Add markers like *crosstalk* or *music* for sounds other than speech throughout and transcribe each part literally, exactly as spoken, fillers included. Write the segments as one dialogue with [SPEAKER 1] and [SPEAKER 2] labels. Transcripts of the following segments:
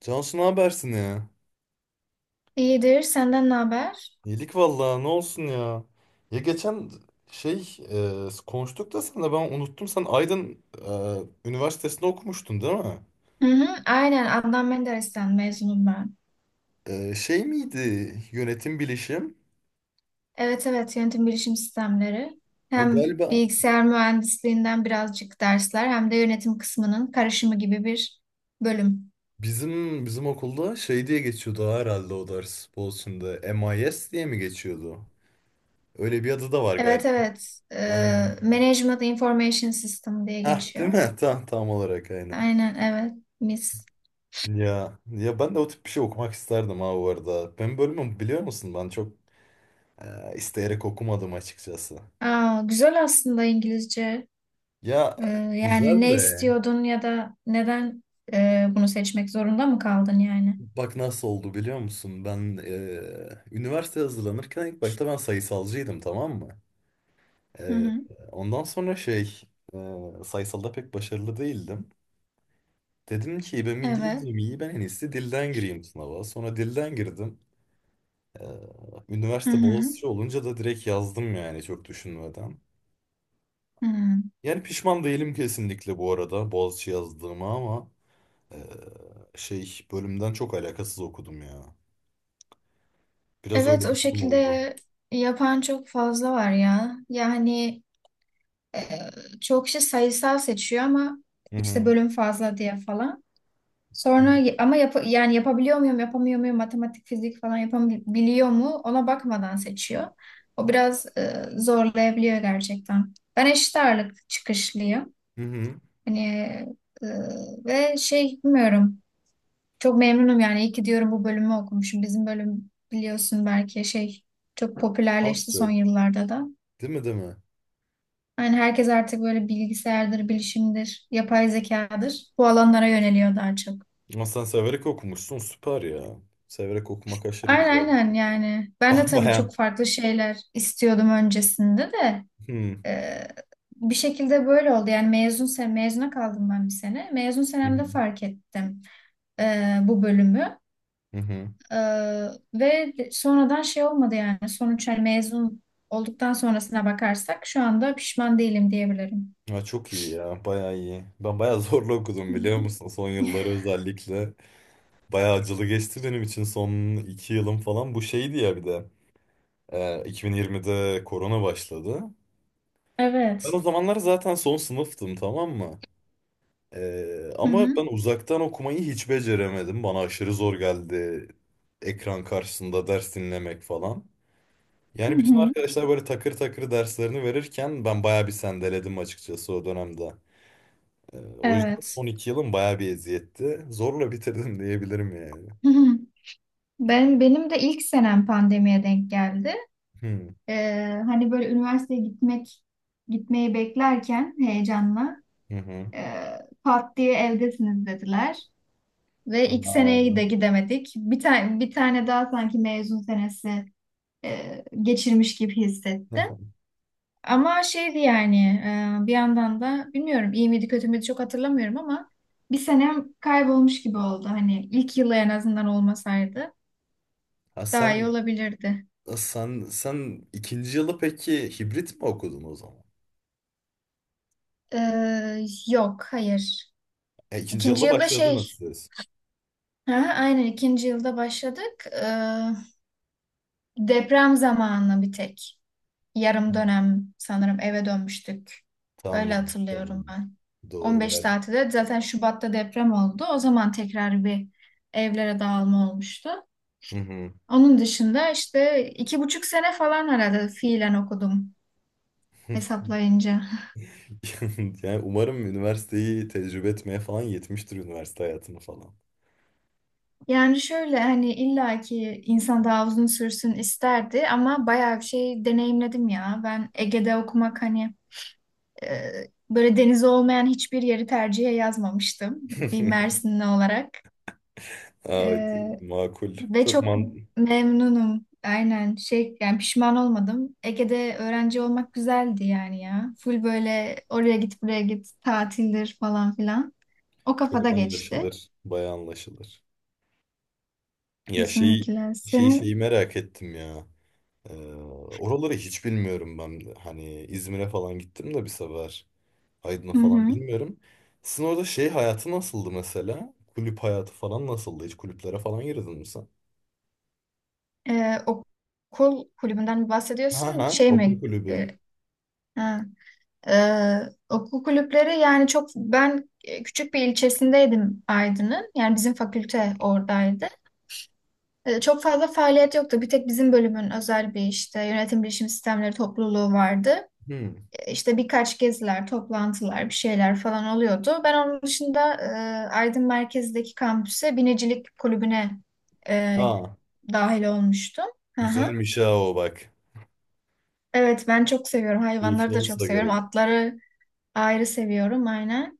[SPEAKER 1] Cansu ne habersin ya?
[SPEAKER 2] İyidir. Senden ne haber?
[SPEAKER 1] İyilik vallahi ne olsun ya. Ya geçen şey e, konuştuk da sen de ben unuttum. Sen Aydın e, Üniversitesi'nde okumuştun değil mi?
[SPEAKER 2] Hı hı, aynen. Adnan Menderes'ten mezunum ben.
[SPEAKER 1] E, şey miydi yönetim bilişim?
[SPEAKER 2] Evet evet yönetim bilişim sistemleri.
[SPEAKER 1] O
[SPEAKER 2] Hem
[SPEAKER 1] galiba
[SPEAKER 2] bilgisayar mühendisliğinden birazcık dersler hem de yönetim kısmının karışımı gibi bir bölüm.
[SPEAKER 1] bizim bizim okulda şey diye geçiyordu herhalde o ders Boğaziçi'nde. MIS diye mi geçiyordu? Öyle bir adı da var
[SPEAKER 2] Evet
[SPEAKER 1] galiba.
[SPEAKER 2] evet.
[SPEAKER 1] Aynen.
[SPEAKER 2] Ee, Management Information System diye
[SPEAKER 1] Heh, değil
[SPEAKER 2] geçiyor.
[SPEAKER 1] mi? *laughs* Tam, tam olarak aynen.
[SPEAKER 2] Aynen evet. Mis.
[SPEAKER 1] Ya ya ben de o tip bir şey okumak isterdim ha bu arada. Benim bölümüm biliyor musun? Ben çok Ee, isteyerek okumadım açıkçası.
[SPEAKER 2] Aa, güzel aslında İngilizce.
[SPEAKER 1] Ya
[SPEAKER 2] Ee, Yani
[SPEAKER 1] güzel
[SPEAKER 2] ne
[SPEAKER 1] de
[SPEAKER 2] istiyordun ya da neden e, bunu seçmek zorunda mı kaldın yani?
[SPEAKER 1] bak nasıl oldu biliyor musun? Ben eee üniversite hazırlanırken ilk başta ben sayısalcıydım, tamam mı?
[SPEAKER 2] Hı
[SPEAKER 1] Eee,
[SPEAKER 2] hı.
[SPEAKER 1] ondan sonra şey eee, sayısalda pek başarılı değildim. Dedim ki benim
[SPEAKER 2] Evet.
[SPEAKER 1] İngilizcem iyi, ben en iyisi dilden gireyim sınava. Sonra dilden girdim. Eee,
[SPEAKER 2] Hı
[SPEAKER 1] üniversite
[SPEAKER 2] hı.
[SPEAKER 1] Boğaziçi olunca da direkt yazdım yani, çok düşünmeden.
[SPEAKER 2] Hmm.
[SPEAKER 1] Yani pişman değilim kesinlikle bu arada Boğaziçi yazdığıma, ama... Ee, şey bölümden çok alakasız okudum ya. Biraz
[SPEAKER 2] Evet,
[SPEAKER 1] öyle
[SPEAKER 2] o
[SPEAKER 1] bir durum oldu.
[SPEAKER 2] şekilde yapan çok fazla var ya. Yani e, çok kişi sayısal seçiyor ama
[SPEAKER 1] Hı
[SPEAKER 2] işte
[SPEAKER 1] hı.
[SPEAKER 2] bölüm fazla diye falan. Sonra ama yap yani yapabiliyor muyum, yapamıyor muyum, matematik, fizik falan yapabiliyor mu ona bakmadan seçiyor. O biraz e, zorlayabiliyor gerçekten. Ben eşit ağırlık çıkışlıyım.
[SPEAKER 1] Hı hı.
[SPEAKER 2] Hani e, ve şey bilmiyorum. Çok memnunum yani. İyi ki diyorum bu bölümü okumuşum. Bizim bölüm biliyorsun belki şey çok
[SPEAKER 1] Az
[SPEAKER 2] popülerleşti son
[SPEAKER 1] çok.
[SPEAKER 2] yıllarda da.
[SPEAKER 1] Değil mi, değil mi?
[SPEAKER 2] Yani herkes artık böyle bilgisayardır, bilişimdir, yapay zekadır. Bu alanlara yöneliyor daha çok.
[SPEAKER 1] Ama sen severek okumuşsun, süper ya. Severek okumak aşırı güzel
[SPEAKER 2] Aynen
[SPEAKER 1] bir
[SPEAKER 2] aynen
[SPEAKER 1] şey.
[SPEAKER 2] yani. Ben
[SPEAKER 1] *laughs*
[SPEAKER 2] de
[SPEAKER 1] Ben
[SPEAKER 2] tabii
[SPEAKER 1] baya...
[SPEAKER 2] çok farklı şeyler istiyordum öncesinde de.
[SPEAKER 1] Hı hı.
[SPEAKER 2] e, Bir şekilde böyle oldu. Yani mezun sen mezuna kaldım ben bir sene. Mezun
[SPEAKER 1] Hı.
[SPEAKER 2] senemde fark ettim e, bu bölümü.
[SPEAKER 1] Hı hı.
[SPEAKER 2] Ee, Ve sonradan şey olmadı yani sonuç, hani mezun olduktan sonrasına bakarsak şu anda pişman değilim diyebilirim.
[SPEAKER 1] Ya çok iyi ya, baya iyi. Ben baya zorla
[SPEAKER 2] Hı
[SPEAKER 1] okudum
[SPEAKER 2] hı.
[SPEAKER 1] biliyor musun? Son yılları özellikle. Baya acılı geçti benim için son iki yılım falan. Bu şeydi ya bir de. Ee, iki bin yirmide korona başladı. Ben
[SPEAKER 2] Evet.
[SPEAKER 1] o zamanlar zaten son sınıftım, tamam mı? Ee,
[SPEAKER 2] Hı
[SPEAKER 1] ama
[SPEAKER 2] hı.
[SPEAKER 1] ben uzaktan okumayı hiç beceremedim. Bana aşırı zor geldi ekran karşısında ders dinlemek falan.
[SPEAKER 2] Hı
[SPEAKER 1] Yani bütün
[SPEAKER 2] hı.
[SPEAKER 1] arkadaşlar böyle takır takır derslerini verirken ben bayağı bir sendeledim açıkçası o dönemde. Ee, o yüzden
[SPEAKER 2] Evet.
[SPEAKER 1] son iki yılım bayağı bir eziyetti. Zorla bitirdim *laughs* diyebilirim yani.
[SPEAKER 2] Hı hı. Ben benim de ilk senem pandemiye denk geldi.
[SPEAKER 1] Hmm.
[SPEAKER 2] Ee, hani böyle üniversiteye gitmek gitmeyi beklerken heyecanla
[SPEAKER 1] Hı hı.
[SPEAKER 2] e, pat diye evdesiniz dediler ve ilk seneyi de
[SPEAKER 1] Aa.
[SPEAKER 2] gidemedik. Bir tane bir tane daha sanki mezun senesi e, geçirmiş gibi hissettim.
[SPEAKER 1] *laughs*
[SPEAKER 2] Ama şeydi yani e, bir yandan da bilmiyorum iyi miydi kötü müydü çok hatırlamıyorum ama bir senem kaybolmuş gibi oldu. Hani ilk yılı en azından olmasaydı
[SPEAKER 1] Ha,
[SPEAKER 2] daha iyi
[SPEAKER 1] sen
[SPEAKER 2] olabilirdi.
[SPEAKER 1] sen sen ikinci yılı peki hibrit mi okudun o zaman?
[SPEAKER 2] Ee, yok, hayır.
[SPEAKER 1] E, ikinci
[SPEAKER 2] İkinci
[SPEAKER 1] yılda
[SPEAKER 2] yılda şey,
[SPEAKER 1] başladınız siz.
[SPEAKER 2] ha, aynen ikinci yılda başladık. Ee, deprem zamanı bir tek yarım
[SPEAKER 1] Hı.
[SPEAKER 2] dönem sanırım eve dönmüştük. Öyle
[SPEAKER 1] Tamam,
[SPEAKER 2] hatırlıyorum
[SPEAKER 1] tamam.
[SPEAKER 2] ben.
[SPEAKER 1] Doğru.
[SPEAKER 2] on beş tatilde zaten Şubat'ta deprem oldu. O zaman tekrar bir evlere dağılma olmuştu.
[SPEAKER 1] Hı hı.
[SPEAKER 2] Onun dışında işte iki buçuk sene falan herhalde fiilen okudum
[SPEAKER 1] *laughs*
[SPEAKER 2] hesaplayınca.
[SPEAKER 1] Yani umarım üniversiteyi tecrübe etmeye falan yetmiştir, üniversite hayatını falan.
[SPEAKER 2] Yani şöyle, hani illaki insan daha uzun sürsün isterdi ama bayağı bir şey deneyimledim ya. Ben Ege'de okumak hani e, böyle denizi olmayan hiçbir yeri tercihe yazmamıştım bir
[SPEAKER 1] *laughs*
[SPEAKER 2] Mersinli olarak.
[SPEAKER 1] Aa, evet,
[SPEAKER 2] E,
[SPEAKER 1] makul.
[SPEAKER 2] Ve
[SPEAKER 1] Çok
[SPEAKER 2] çok
[SPEAKER 1] man
[SPEAKER 2] memnunum. Aynen, şey yani pişman olmadım. Ege'de öğrenci olmak güzeldi yani ya. Full böyle oraya git buraya git tatildir falan filan. O kafada
[SPEAKER 1] çok
[SPEAKER 2] geçti.
[SPEAKER 1] anlaşılır. Bayağı anlaşılır. Ya şey
[SPEAKER 2] Kesinlikle.
[SPEAKER 1] şey
[SPEAKER 2] Senin
[SPEAKER 1] şeyi merak ettim ya. Ee, oraları hiç bilmiyorum ben de. Hani İzmir'e falan gittim de bir sefer. Aydın'a
[SPEAKER 2] hı
[SPEAKER 1] falan
[SPEAKER 2] hı.
[SPEAKER 1] bilmiyorum. Sizin orada şey hayatı nasıldı mesela? Kulüp hayatı falan nasıldı? Hiç kulüplere falan girdin mi sen?
[SPEAKER 2] Ee, okul kulübünden mi
[SPEAKER 1] Ha
[SPEAKER 2] bahsediyorsun?
[SPEAKER 1] ha,
[SPEAKER 2] Şey
[SPEAKER 1] okul
[SPEAKER 2] mi?
[SPEAKER 1] kulübü.
[SPEAKER 2] Ee, ha. Ee, Okul kulüpleri yani çok ben e, küçük bir ilçesindeydim Aydın'ın. Yani bizim fakülte oradaydı. E, çok fazla faaliyet yoktu. Bir tek bizim bölümün özel bir işte yönetim bilişim sistemleri topluluğu vardı.
[SPEAKER 1] Hmm.
[SPEAKER 2] E, İşte birkaç geziler, toplantılar, bir şeyler falan oluyordu. Ben onun dışında e, Aydın merkezdeki kampüse binicilik kulübüne e,
[SPEAKER 1] Aa.
[SPEAKER 2] dahil olmuştum. Hı hı.
[SPEAKER 1] Güzelmiş ha o, bak.
[SPEAKER 2] Evet, ben çok seviyorum.
[SPEAKER 1] Keyifli
[SPEAKER 2] Hayvanları da
[SPEAKER 1] olsa
[SPEAKER 2] çok
[SPEAKER 1] da
[SPEAKER 2] seviyorum.
[SPEAKER 1] gerek.
[SPEAKER 2] Atları ayrı seviyorum, aynen.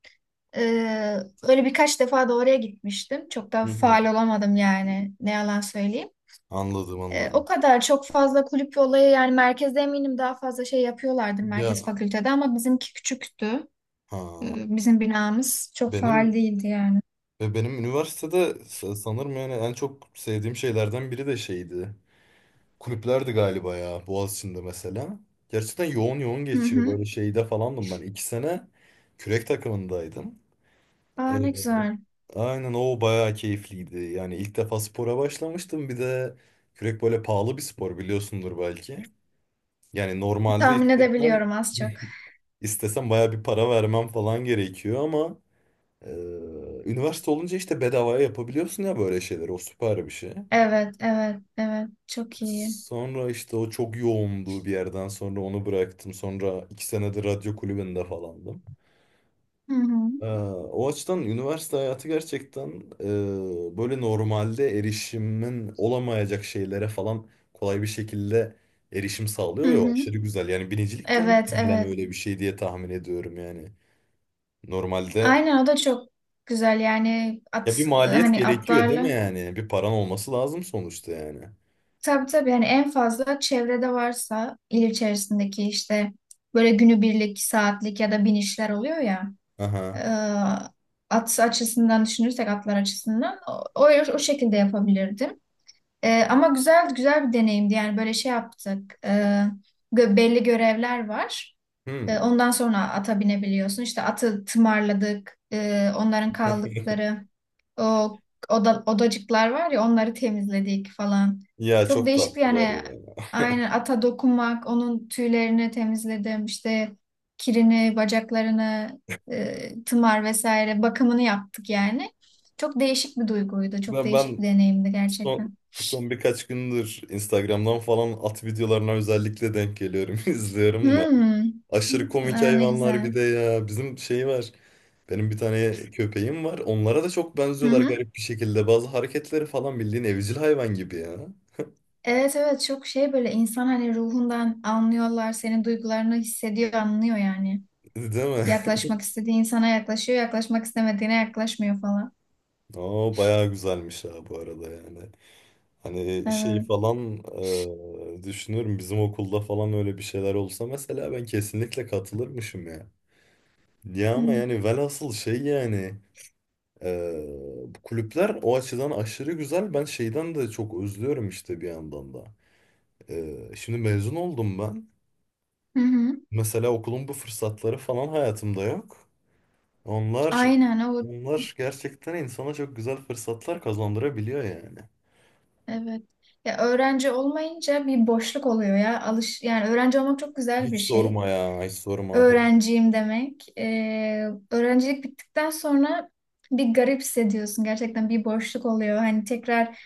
[SPEAKER 2] Ee, Öyle birkaç defa da oraya gitmiştim. Çok da
[SPEAKER 1] Hı hı.
[SPEAKER 2] faal olamadım yani. Ne yalan söyleyeyim.
[SPEAKER 1] Anladım,
[SPEAKER 2] E, o
[SPEAKER 1] anladım.
[SPEAKER 2] kadar çok fazla kulüp ve olayı yani, merkezde eminim daha fazla şey yapıyorlardır merkez
[SPEAKER 1] Ya
[SPEAKER 2] fakültede ama bizimki küçüktü.
[SPEAKER 1] ha,
[SPEAKER 2] E, bizim binamız çok faal
[SPEAKER 1] benim
[SPEAKER 2] değildi yani.
[SPEAKER 1] ve benim üniversitede sa- sanırım yani en çok sevdiğim şeylerden biri de şeydi. Kulüplerdi galiba ya, Boğaziçi'nde mesela. Gerçekten yoğun yoğun
[SPEAKER 2] Hı
[SPEAKER 1] geçiyor,
[SPEAKER 2] hı.
[SPEAKER 1] böyle şeyde falandım ben. iki sene kürek takımındaydım.
[SPEAKER 2] Aa, ne
[SPEAKER 1] Ee,
[SPEAKER 2] güzel.
[SPEAKER 1] aynen o bayağı keyifliydi. Yani ilk defa spora başlamıştım. Bir de kürek böyle pahalı bir spor, biliyorsundur belki. Yani normalde
[SPEAKER 2] Tahmin
[SPEAKER 1] istesem
[SPEAKER 2] edebiliyorum az çok.
[SPEAKER 1] *laughs* İstesem baya bir para vermem falan gerekiyor, ama e, üniversite olunca işte bedavaya yapabiliyorsun ya böyle şeyleri. O süper bir şey.
[SPEAKER 2] Evet, evet, evet. Çok iyi.
[SPEAKER 1] Sonra işte o çok yoğundu, bir yerden sonra onu bıraktım. Sonra iki senedir radyo kulübünde falandım.
[SPEAKER 2] Hı hı.
[SPEAKER 1] E, o açıdan üniversite hayatı gerçekten e, böyle normalde erişimin olamayacak şeylere falan kolay bir şekilde erişim
[SPEAKER 2] Hı
[SPEAKER 1] sağlıyor ya, o
[SPEAKER 2] hı.
[SPEAKER 1] aşırı güzel. Yani binicilik de
[SPEAKER 2] Evet,
[SPEAKER 1] muhtemelen
[SPEAKER 2] evet.
[SPEAKER 1] öyle bir şey diye tahmin ediyorum yani. Normalde
[SPEAKER 2] Aynen, o da çok güzel yani
[SPEAKER 1] ya bir
[SPEAKER 2] at,
[SPEAKER 1] maliyet
[SPEAKER 2] hani
[SPEAKER 1] gerekiyor değil mi
[SPEAKER 2] atlarla.
[SPEAKER 1] yani? Bir paran olması lazım sonuçta yani.
[SPEAKER 2] Tabii tabii yani en fazla çevrede varsa il içerisindeki işte böyle günübirlik, saatlik ya da binişler oluyor ya. e,
[SPEAKER 1] Aha.
[SPEAKER 2] At açısından düşünürsek atlar açısından o, o, o şekilde yapabilirdim. E, ama güzel güzel bir deneyimdi yani böyle şey yaptık. E, gö- belli görevler var. E,
[SPEAKER 1] Hmm.
[SPEAKER 2] ondan sonra ata binebiliyorsun. İşte atı tımarladık. E, onların
[SPEAKER 1] *laughs*
[SPEAKER 2] kaldıkları o oda, odacıklar var ya, onları temizledik falan.
[SPEAKER 1] Ya
[SPEAKER 2] Çok
[SPEAKER 1] çok
[SPEAKER 2] değişik
[SPEAKER 1] tatlılar
[SPEAKER 2] yani,
[SPEAKER 1] ya.
[SPEAKER 2] aynen ata dokunmak, onun tüylerini temizledim, işte kirini, bacaklarını, e, tımar vesaire bakımını yaptık yani. Çok değişik bir duyguydu. Çok
[SPEAKER 1] Ben
[SPEAKER 2] değişik bir
[SPEAKER 1] ben
[SPEAKER 2] deneyimdi
[SPEAKER 1] son
[SPEAKER 2] gerçekten.
[SPEAKER 1] son birkaç gündür Instagram'dan falan at videolarına özellikle denk geliyorum, *laughs* izliyorum da.
[SPEAKER 2] Hmm.
[SPEAKER 1] Aşırı komik
[SPEAKER 2] Aa, ne
[SPEAKER 1] hayvanlar bir
[SPEAKER 2] güzel.
[SPEAKER 1] de ya. Bizim şey var. Benim bir tane köpeğim var. Onlara da çok
[SPEAKER 2] Hı
[SPEAKER 1] benziyorlar
[SPEAKER 2] hı.
[SPEAKER 1] garip bir şekilde. Bazı hareketleri falan bildiğin evcil hayvan gibi ya.
[SPEAKER 2] Evet, evet, çok şey, böyle insan hani ruhundan anlıyorlar, senin duygularını hissediyor, anlıyor yani.
[SPEAKER 1] Değil mi?
[SPEAKER 2] Yaklaşmak istediği insana yaklaşıyor, yaklaşmak istemediğine yaklaşmıyor falan.
[SPEAKER 1] *laughs* Oo, bayağı güzelmiş ha bu arada yani. Hani şey
[SPEAKER 2] Evet.
[SPEAKER 1] falan e, düşünüyorum bizim okulda falan öyle bir şeyler olsa mesela ben kesinlikle katılırmışım ya. Ya
[SPEAKER 2] Hı
[SPEAKER 1] ama yani velhasıl şey yani e, bu kulüpler o açıdan aşırı güzel. Ben şeyden de çok özlüyorum işte bir yandan da. E, şimdi mezun oldum ben.
[SPEAKER 2] hı. hı.
[SPEAKER 1] Mesela okulun bu fırsatları falan hayatımda yok. Onlar
[SPEAKER 2] Aynen, o
[SPEAKER 1] onlar gerçekten insana çok güzel fırsatlar kazandırabiliyor yani.
[SPEAKER 2] evet. Ya öğrenci olmayınca bir boşluk oluyor ya. Alış yani öğrenci olmak çok güzel
[SPEAKER 1] Hiç
[SPEAKER 2] bir şey.
[SPEAKER 1] sorma ya, hiç sorma.
[SPEAKER 2] Öğrenciyim demek. Ee, öğrencilik bittikten sonra bir garip hissediyorsun. Gerçekten bir boşluk oluyor. Hani tekrar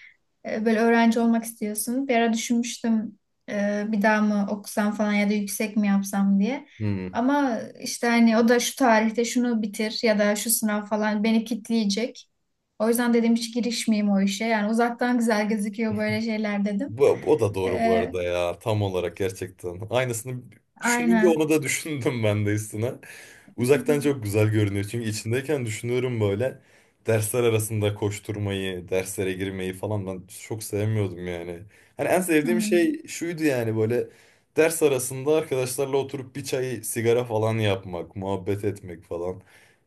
[SPEAKER 2] e, böyle öğrenci olmak istiyorsun. Bir ara düşünmüştüm e, bir daha mı okusam falan ya da yüksek mi yapsam diye.
[SPEAKER 1] Hmm.
[SPEAKER 2] Ama işte hani o da şu tarihte şunu bitir ya da şu sınav falan beni kitleyecek. O yüzden dedim hiç girişmeyeyim o işe. Yani uzaktan güzel gözüküyor böyle şeyler dedim.
[SPEAKER 1] Bu, o da doğru bu
[SPEAKER 2] Ee,
[SPEAKER 1] arada ya. Tam olarak, gerçekten. Aynısını düşününce
[SPEAKER 2] aynen.
[SPEAKER 1] onu da *laughs* düşündüm ben de üstüne. Uzaktan çok
[SPEAKER 2] *laughs*
[SPEAKER 1] güzel görünüyor. Çünkü içindeyken düşünüyorum böyle. Dersler arasında koşturmayı, derslere girmeyi falan ben çok sevmiyordum yani. Hani en sevdiğim
[SPEAKER 2] Hmm,
[SPEAKER 1] şey şuydu yani, böyle ders arasında arkadaşlarla oturup bir çay, sigara falan yapmak, muhabbet etmek falan.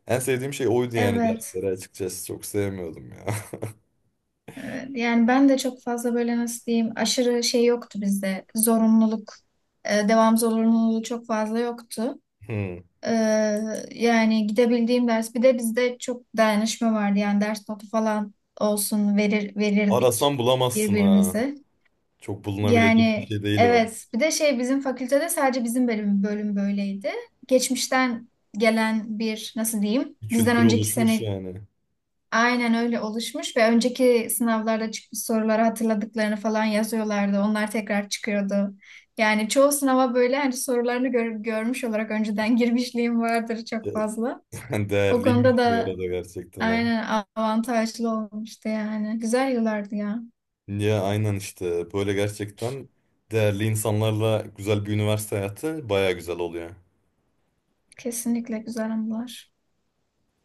[SPEAKER 1] En sevdiğim şey oydu yani,
[SPEAKER 2] evet.
[SPEAKER 1] derslere açıkçası çok sevmiyordum ya. *laughs*
[SPEAKER 2] Evet, yani ben de çok fazla böyle nasıl diyeyim aşırı şey yoktu bizde. Zorunluluk, e, devam zorunluluğu çok fazla yoktu.
[SPEAKER 1] Hmm.
[SPEAKER 2] Ee, Yani gidebildiğim ders, bir de bizde çok dayanışma vardı. Yani ders notu falan olsun verir verirdik
[SPEAKER 1] Arasan bulamazsın ha.
[SPEAKER 2] birbirimize.
[SPEAKER 1] Çok bulunabilecek bir
[SPEAKER 2] Yani
[SPEAKER 1] şey değil o.
[SPEAKER 2] evet, bir de şey bizim fakültede sadece bizim bölüm bölüm böyleydi. Geçmişten gelen bir nasıl diyeyim
[SPEAKER 1] Bir
[SPEAKER 2] bizden
[SPEAKER 1] kültür
[SPEAKER 2] önceki
[SPEAKER 1] oluşmuş
[SPEAKER 2] sene
[SPEAKER 1] yani.
[SPEAKER 2] aynen öyle oluşmuş ve önceki sınavlarda çıkmış soruları hatırladıklarını falan yazıyorlardı. Onlar tekrar çıkıyordu. Yani çoğu sınava böyle hani sorularını gör- görmüş olarak önceden *laughs* girmişliğim vardır
[SPEAKER 1] Ya,
[SPEAKER 2] çok fazla.
[SPEAKER 1] *laughs*
[SPEAKER 2] O konuda
[SPEAKER 1] değerliymiş bu
[SPEAKER 2] da
[SPEAKER 1] arada, gerçekten ha.
[SPEAKER 2] aynen avantajlı olmuştu yani. Güzel yıllardı ya.
[SPEAKER 1] Ya aynen işte, böyle gerçekten değerli insanlarla güzel bir üniversite hayatı baya güzel oluyor.
[SPEAKER 2] Kesinlikle güzel anılar.